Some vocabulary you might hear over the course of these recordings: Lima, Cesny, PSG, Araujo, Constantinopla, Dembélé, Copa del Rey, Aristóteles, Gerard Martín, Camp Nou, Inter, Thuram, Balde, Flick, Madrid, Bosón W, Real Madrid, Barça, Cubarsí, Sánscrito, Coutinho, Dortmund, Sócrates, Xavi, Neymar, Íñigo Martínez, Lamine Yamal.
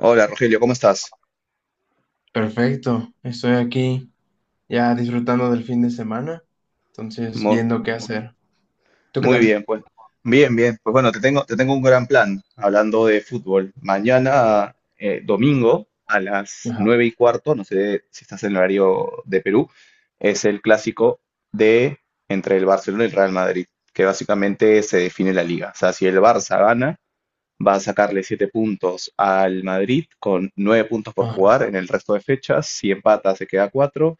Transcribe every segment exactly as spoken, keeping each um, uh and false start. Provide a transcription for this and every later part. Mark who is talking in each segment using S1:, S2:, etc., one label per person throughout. S1: Hola Rogelio, ¿cómo estás?
S2: Perfecto, estoy aquí ya disfrutando del fin de semana, entonces
S1: Mu-
S2: viendo qué hacer. ¿Tú qué
S1: Muy
S2: tal?
S1: bien, pues. Bien, bien. Pues bueno, te tengo, te tengo un gran plan hablando de fútbol. Mañana, eh, domingo, a las
S2: Ajá.
S1: nueve y cuarto, no sé si estás en el horario de Perú, es el clásico de entre el Barcelona y el Real Madrid, que básicamente se define la liga. O sea, si el Barça gana, va a sacarle siete puntos al Madrid con nueve puntos por
S2: Ah,
S1: jugar en el resto de fechas. Si empata, se queda cuatro.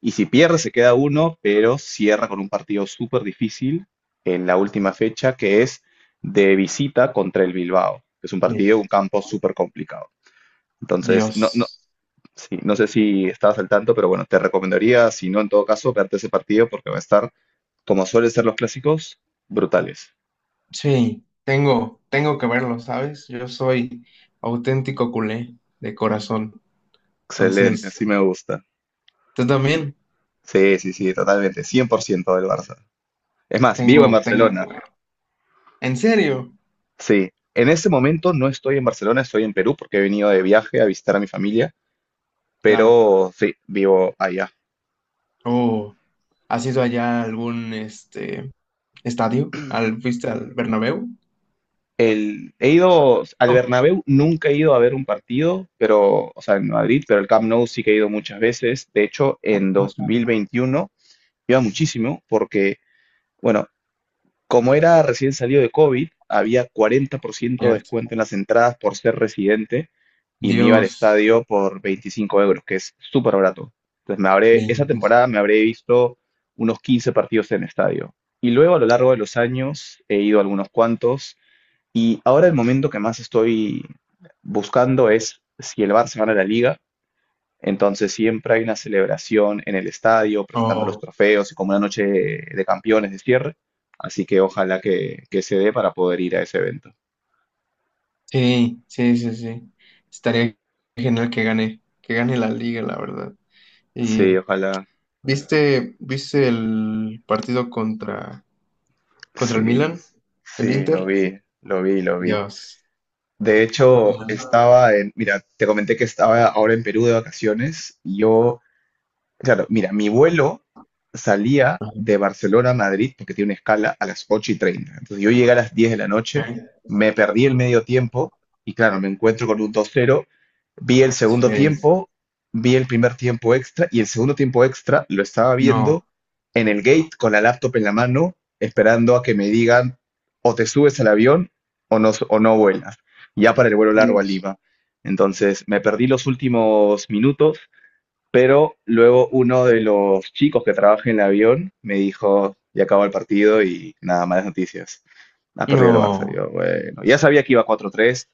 S1: Y si pierde, se queda uno, pero cierra con un partido súper difícil en la última fecha, que es de visita contra el Bilbao, que es un
S2: sí,
S1: partido, un campo súper complicado. Entonces, no, no,
S2: Dios.
S1: sí, no sé si estabas al tanto, pero bueno, te recomendaría, si no, en todo caso, verte ese partido porque va a estar, como suelen ser los clásicos, brutales.
S2: Sí, tengo, tengo que verlo, ¿sabes? Yo soy auténtico culé de corazón,
S1: Excelente, así
S2: entonces
S1: me gusta.
S2: tú también
S1: Sí, sí, sí, totalmente, cien por ciento del Barça. Es más, vivo en
S2: tengo, tengo que
S1: Barcelona.
S2: verlo. ¿En serio?
S1: Sí, en ese momento no estoy en Barcelona, estoy en Perú porque he venido de viaje a visitar a mi familia,
S2: Claro.
S1: pero sí, vivo allá.
S2: Oh, ¿has ido allá a algún este estadio? ¿Al, fuiste al Bernabéu?
S1: El, he ido al
S2: No,
S1: Bernabéu, nunca he ido a ver un partido, pero, o sea, en Madrid, pero el Camp Nou sí que he ido muchas veces. De hecho, en dos mil
S2: bueno.
S1: veintiuno iba muchísimo porque, bueno, como era recién salido de COVID, había cuarenta por ciento de
S2: Cierto.
S1: descuento en las entradas por ser residente y me iba al
S2: Dios,
S1: estadio por veinticinco euros, que es súper barato. Entonces me habré, esa
S2: bendito.
S1: temporada me habré visto unos quince partidos en estadio. Y luego a lo largo de los años he ido a algunos cuantos y ahora el momento que más estoy buscando es si el Barça gana la Liga, entonces siempre hay una celebración en el estadio, presentando los
S2: Oh.
S1: trofeos y como una noche de campeones de cierre. Así que ojalá que, que se dé para poder ir a ese evento.
S2: Sí, sí, sí, sí. Estaría genial que gane, que gane la liga, la verdad. Y
S1: Sí, ojalá.
S2: ¿viste, viste el partido contra, contra el
S1: Sí,
S2: Milan? ¿El
S1: sí, lo
S2: Inter?
S1: vi, lo vi, lo vi.
S2: Dios.
S1: De hecho,
S2: Ajá.
S1: estaba en, mira, te comenté que estaba ahora en Perú de vacaciones. Yo, claro, mira, mi vuelo salía de Barcelona a Madrid, porque tiene una escala, a las ocho y treinta. Entonces yo llegué a las diez de la noche,
S2: Ok.
S1: me perdí el medio tiempo y claro, me encuentro con un dos cero, vi el segundo
S2: Sí.
S1: tiempo, vi el primer tiempo extra y el segundo tiempo extra lo estaba
S2: No.
S1: viendo en el gate con la laptop en la mano, esperando a que me digan o te subes al avión o no, s- o no vuelas, ya para el vuelo largo a
S2: Dios.
S1: Lima. Entonces me perdí los últimos minutos, pero luego uno de los chicos que trabaja en el avión me dijo, ya acabó el partido y nada, malas noticias. Ha perdido el Barça.
S2: No.
S1: Yo, bueno, ya sabía que iba cuatro a tres,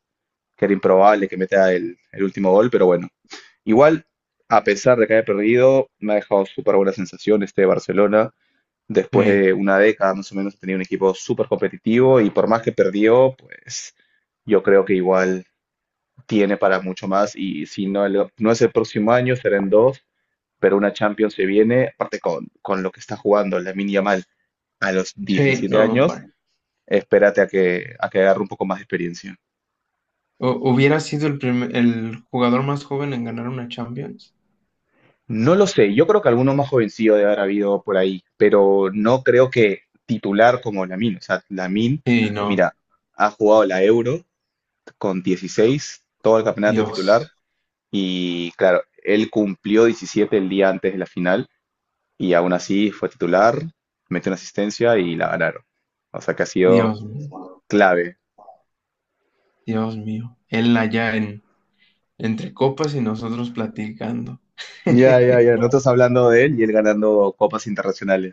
S1: que era improbable que meta el, el último gol, pero bueno. Igual, a pesar de que haya perdido, me ha dejado súper buena sensación este Barcelona. Después de
S2: Sí.
S1: una década más o menos tenía un equipo súper competitivo y por más que perdió, pues yo creo que igual tiene para mucho más y si no, el- no es el próximo año, será en dos, pero una Champions se viene, aparte con, con lo que está jugando Lamine Yamal a los
S2: Sí,
S1: diecisiete
S2: no,
S1: años,
S2: hombre.
S1: espérate a que, a que agarre un poco más de experiencia.
S2: Hu- ¿Hubiera sido el primer- el jugador más joven en ganar una Champions?
S1: No lo sé, yo creo que alguno más jovencillo debe haber habido por ahí, pero no creo que titular como Lamine. O sea, Lamine,
S2: Sí, no.
S1: mira, ha jugado la Euro con dieciséis, todo el campeonato de
S2: Dios.
S1: titular, y claro, él cumplió diecisiete el día antes de la final, y aún así fue titular, metió una asistencia y la ganaron. O sea que ha sido
S2: Dios mío.
S1: clave.
S2: Dios mío. Él allá en entre copas y nosotros platicando.
S1: Ya, ya, ya. No estás hablando de él y él ganando copas internacionales.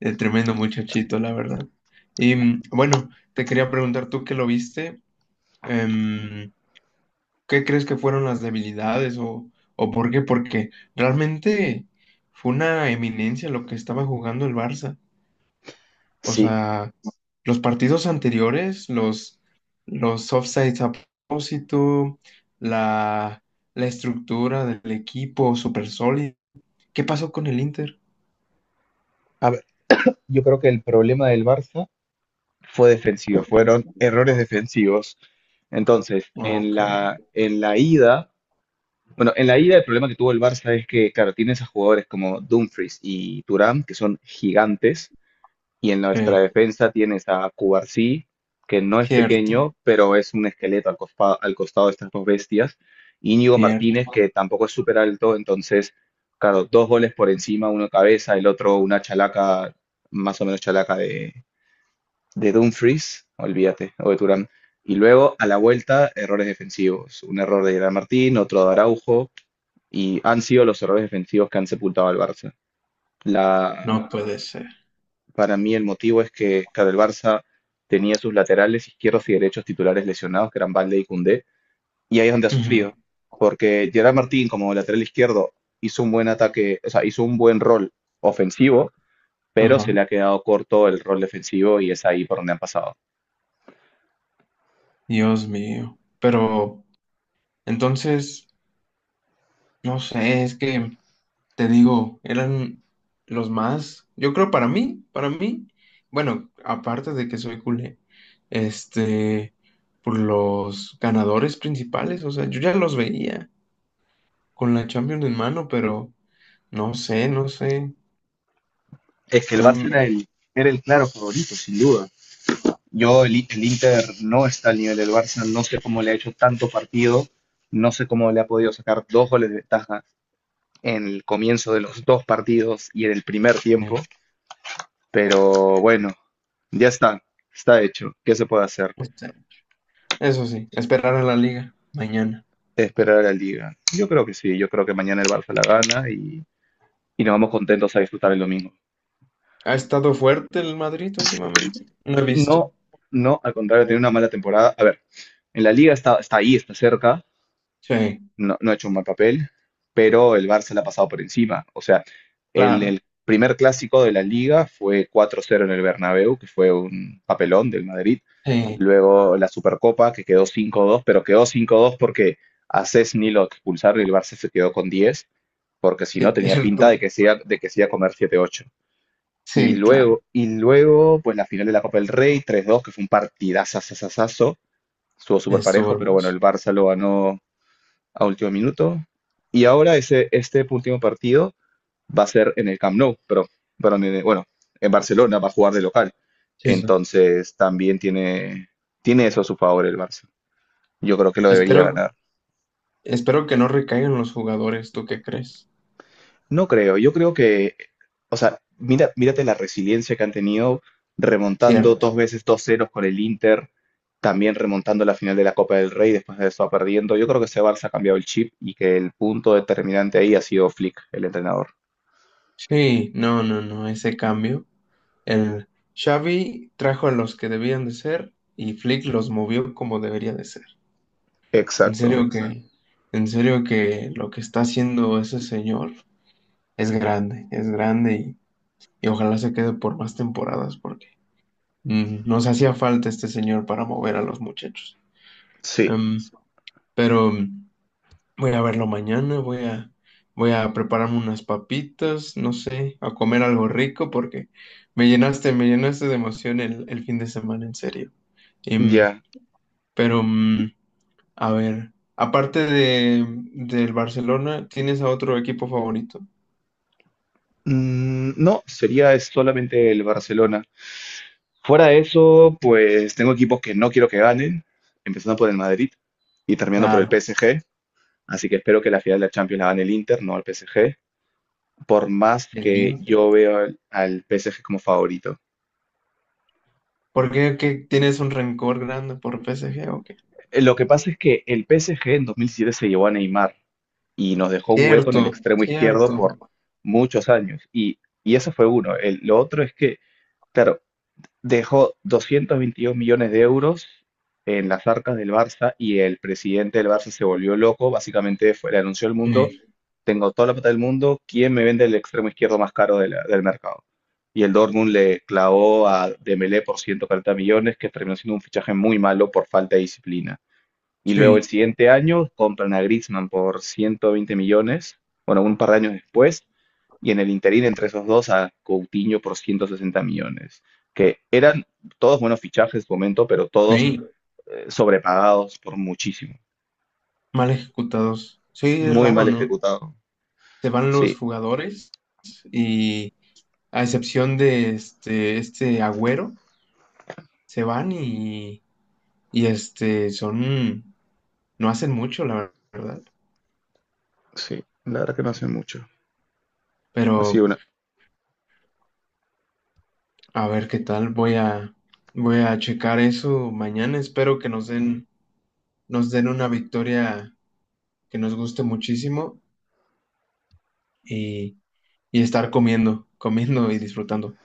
S2: El tremendo muchachito, la verdad. Y mm, bueno, te quería preguntar tú que lo viste, em, ¿qué crees que fueron las debilidades o, o por qué? Porque realmente fue una eminencia lo que estaba jugando el Barça. O
S1: Sí.
S2: sea, los partidos anteriores, los, los offsides a propósito, la, la estructura del equipo súper sólida. ¿Qué pasó con el Inter?
S1: A ver, yo creo que el problema del Barça fue defensivo, fueron errores defensivos. Entonces, en
S2: Ok,
S1: la, en la ida, bueno, en la ida el problema que tuvo el Barça es que, claro, tiene a jugadores como Dumfries y Thuram, que son gigantes, y en nuestra
S2: sí,
S1: defensa tienes a Cubarsí, que no es
S2: cierto,
S1: pequeño, pero es un esqueleto al, cospa- al costado de estas dos bestias. Íñigo Martínez,
S2: cierto,
S1: que tampoco es súper alto, entonces, claro, dos goles por encima, uno cabeza, el otro una chalaca, más o menos chalaca de, de Dumfries, olvídate, o de Turán. Y luego, a la vuelta, errores defensivos. Un error de Gerard Martín, otro de Araujo, y han sido los errores defensivos que han sepultado al Barça. La,
S2: no puede ser.
S1: para mí el motivo es que, claro, el Barça tenía sus laterales izquierdos y derechos titulares lesionados, que eran Balde y Koundé, y ahí es donde ha
S2: Ujú.
S1: sufrido, porque Gerard Martín como lateral izquierdo hizo un buen ataque, o sea, hizo un buen rol ofensivo, pero se
S2: Ajá.
S1: le ha quedado corto el rol defensivo y es ahí por donde han pasado.
S2: Dios mío. Pero entonces, no sé, es que te digo, eran los más, yo creo para mí, para mí, bueno, aparte de que soy culé, este, por los ganadores principales, o sea, yo ya los veía con la Champions en mano, pero no sé, no sé,
S1: Es que el
S2: fue,
S1: Barça era
S2: un-
S1: el, era el claro favorito, sin duda. Yo, el, el Inter no está al nivel del Barça, no sé cómo le ha hecho tanto partido, no sé cómo le ha podido sacar dos goles de ventaja en el comienzo de los dos partidos y en el primer tiempo,
S2: eh,
S1: pero bueno, ya está, está hecho. ¿Qué se puede hacer?
S2: este, eso sí, esperar a la liga mañana.
S1: Esperar a la liga. Yo creo que sí, yo creo que mañana el Barça la gana y, y nos vamos contentos a disfrutar el domingo.
S2: ¿Ha estado fuerte el Madrid últimamente? No he visto.
S1: No, no, al contrario, tener una mala temporada. A ver, en la liga está, está ahí, está cerca,
S2: Sí,
S1: no, no ha hecho un mal papel, pero el Barça le ha pasado por encima. O sea, el,
S2: claro.
S1: el primer clásico de la liga fue cuatro cero en el Bernabéu, que fue un papelón del Madrid.
S2: Sí,
S1: Luego la Supercopa, que quedó cinco dos, pero quedó cinco dos porque a Cesny lo expulsaron y el Barça se quedó con diez, porque si no
S2: sí, es
S1: tenía
S2: cierto.
S1: pinta de que se iba, de que se iba a comer siete ocho. Y
S2: Sí,
S1: luego,
S2: claro.
S1: y luego, pues la final de la Copa del Rey, tres dos, que fue un partidazo, estuvo súper
S2: Estuvo
S1: parejo, pero bueno,
S2: hermoso.
S1: el Barça lo ganó a último minuto. Y ahora ese, este último partido va a ser en el Camp Nou, pero, pero en el- bueno, en Barcelona va a jugar de local.
S2: Sí, sí.
S1: Entonces también tiene, tiene eso a su favor el Barça. Yo creo que lo debería
S2: Espero,
S1: ganar.
S2: espero que no recaigan los jugadores, ¿tú qué crees?
S1: No creo, yo creo que, o sea, mira, mírate la resiliencia que han tenido remontando
S2: Cierto.
S1: dos veces dos ceros con el Inter, también remontando la final de la Copa del Rey después de eso perdiendo. Yo creo que ese Barça ha cambiado el chip y que el punto determinante ahí ha sido Flick, el entrenador.
S2: Sí, no, no, no, ese cambio. El Xavi trajo a los que debían de ser y Flick los movió como debería de ser. En
S1: Exacto.
S2: serio que, en serio que lo que está haciendo ese señor es grande, es grande y, y ojalá se quede por más temporadas porque Mm, nos hacía falta este señor para mover a los muchachos.
S1: Sí,
S2: Em, pero mm, voy a verlo mañana, voy a, voy a prepararme unas papitas, no sé, a comer algo rico porque me llenaste, me llenaste de emoción el, el fin de semana, en serio. Em,
S1: ya.
S2: pero, mm, a ver, aparte de, mm, del Barcelona, ¿tienes a otro equipo favorito?
S1: Mm, no, sería es solamente el Barcelona. Fuera de eso, pues tengo equipos que no quiero que ganen, empezando por el Madrid y terminando por el
S2: Claro,
S1: P S G. Así que espero que la final de la Champions la gane el Inter, no el P S G, por más
S2: el
S1: que
S2: Inter.
S1: yo veo al, al P S G como favorito.
S2: ¿Por qué, qué tienes un rencor grande por P S G o qué?
S1: Eh, Lo que pasa es que el P S G en dos mil siete se llevó a Neymar y nos dejó un hueco en el
S2: Cierto,
S1: extremo izquierdo
S2: cierto.
S1: por muchos años. Y, y eso fue uno. El- lo otro es que, claro, dejó doscientos veintidós millones de euros en las arcas del Barça y el presidente del Barça se volvió loco, básicamente fue, le anunció al mundo,
S2: Sí.
S1: tengo toda la plata del mundo, ¿quién me vende el extremo izquierdo más caro de la- del mercado? Y el Dortmund le clavó a Dembélé por ciento cuarenta millones, que terminó siendo un fichaje muy malo por falta de disciplina. Y luego el
S2: Sí,
S1: siguiente año compran a Griezmann por ciento veinte millones, bueno, un par de años después, y en el interín entre esos dos a Coutinho por ciento sesenta millones, que eran todos buenos fichajes, momento, pero todos
S2: sí,
S1: eh, sobrepagados por muchísimo.
S2: mal ejecutados. Sí, es
S1: Muy
S2: raro,
S1: mal
S2: ¿no?
S1: ejecutado.
S2: Se van
S1: Sí,
S2: los jugadores y a excepción de este, este Agüero, se van y, y este son, no hacen mucho, la verdad.
S1: sí, la verdad que no hace mucho. Así
S2: Pero
S1: una.
S2: a ver qué tal, voy a, voy a checar eso mañana. Espero que nos den, nos den una victoria que nos guste muchísimo y, y estar comiendo, comiendo y disfrutando.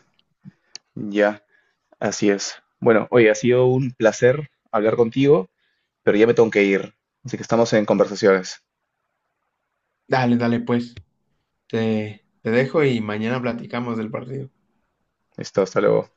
S1: Ya, así es. Bueno, oye, ha sido un placer hablar contigo, pero ya me tengo que ir. Así que estamos en conversaciones.
S2: Dale, dale, pues. Te, te dejo y mañana platicamos del partido.
S1: Listo, hasta luego.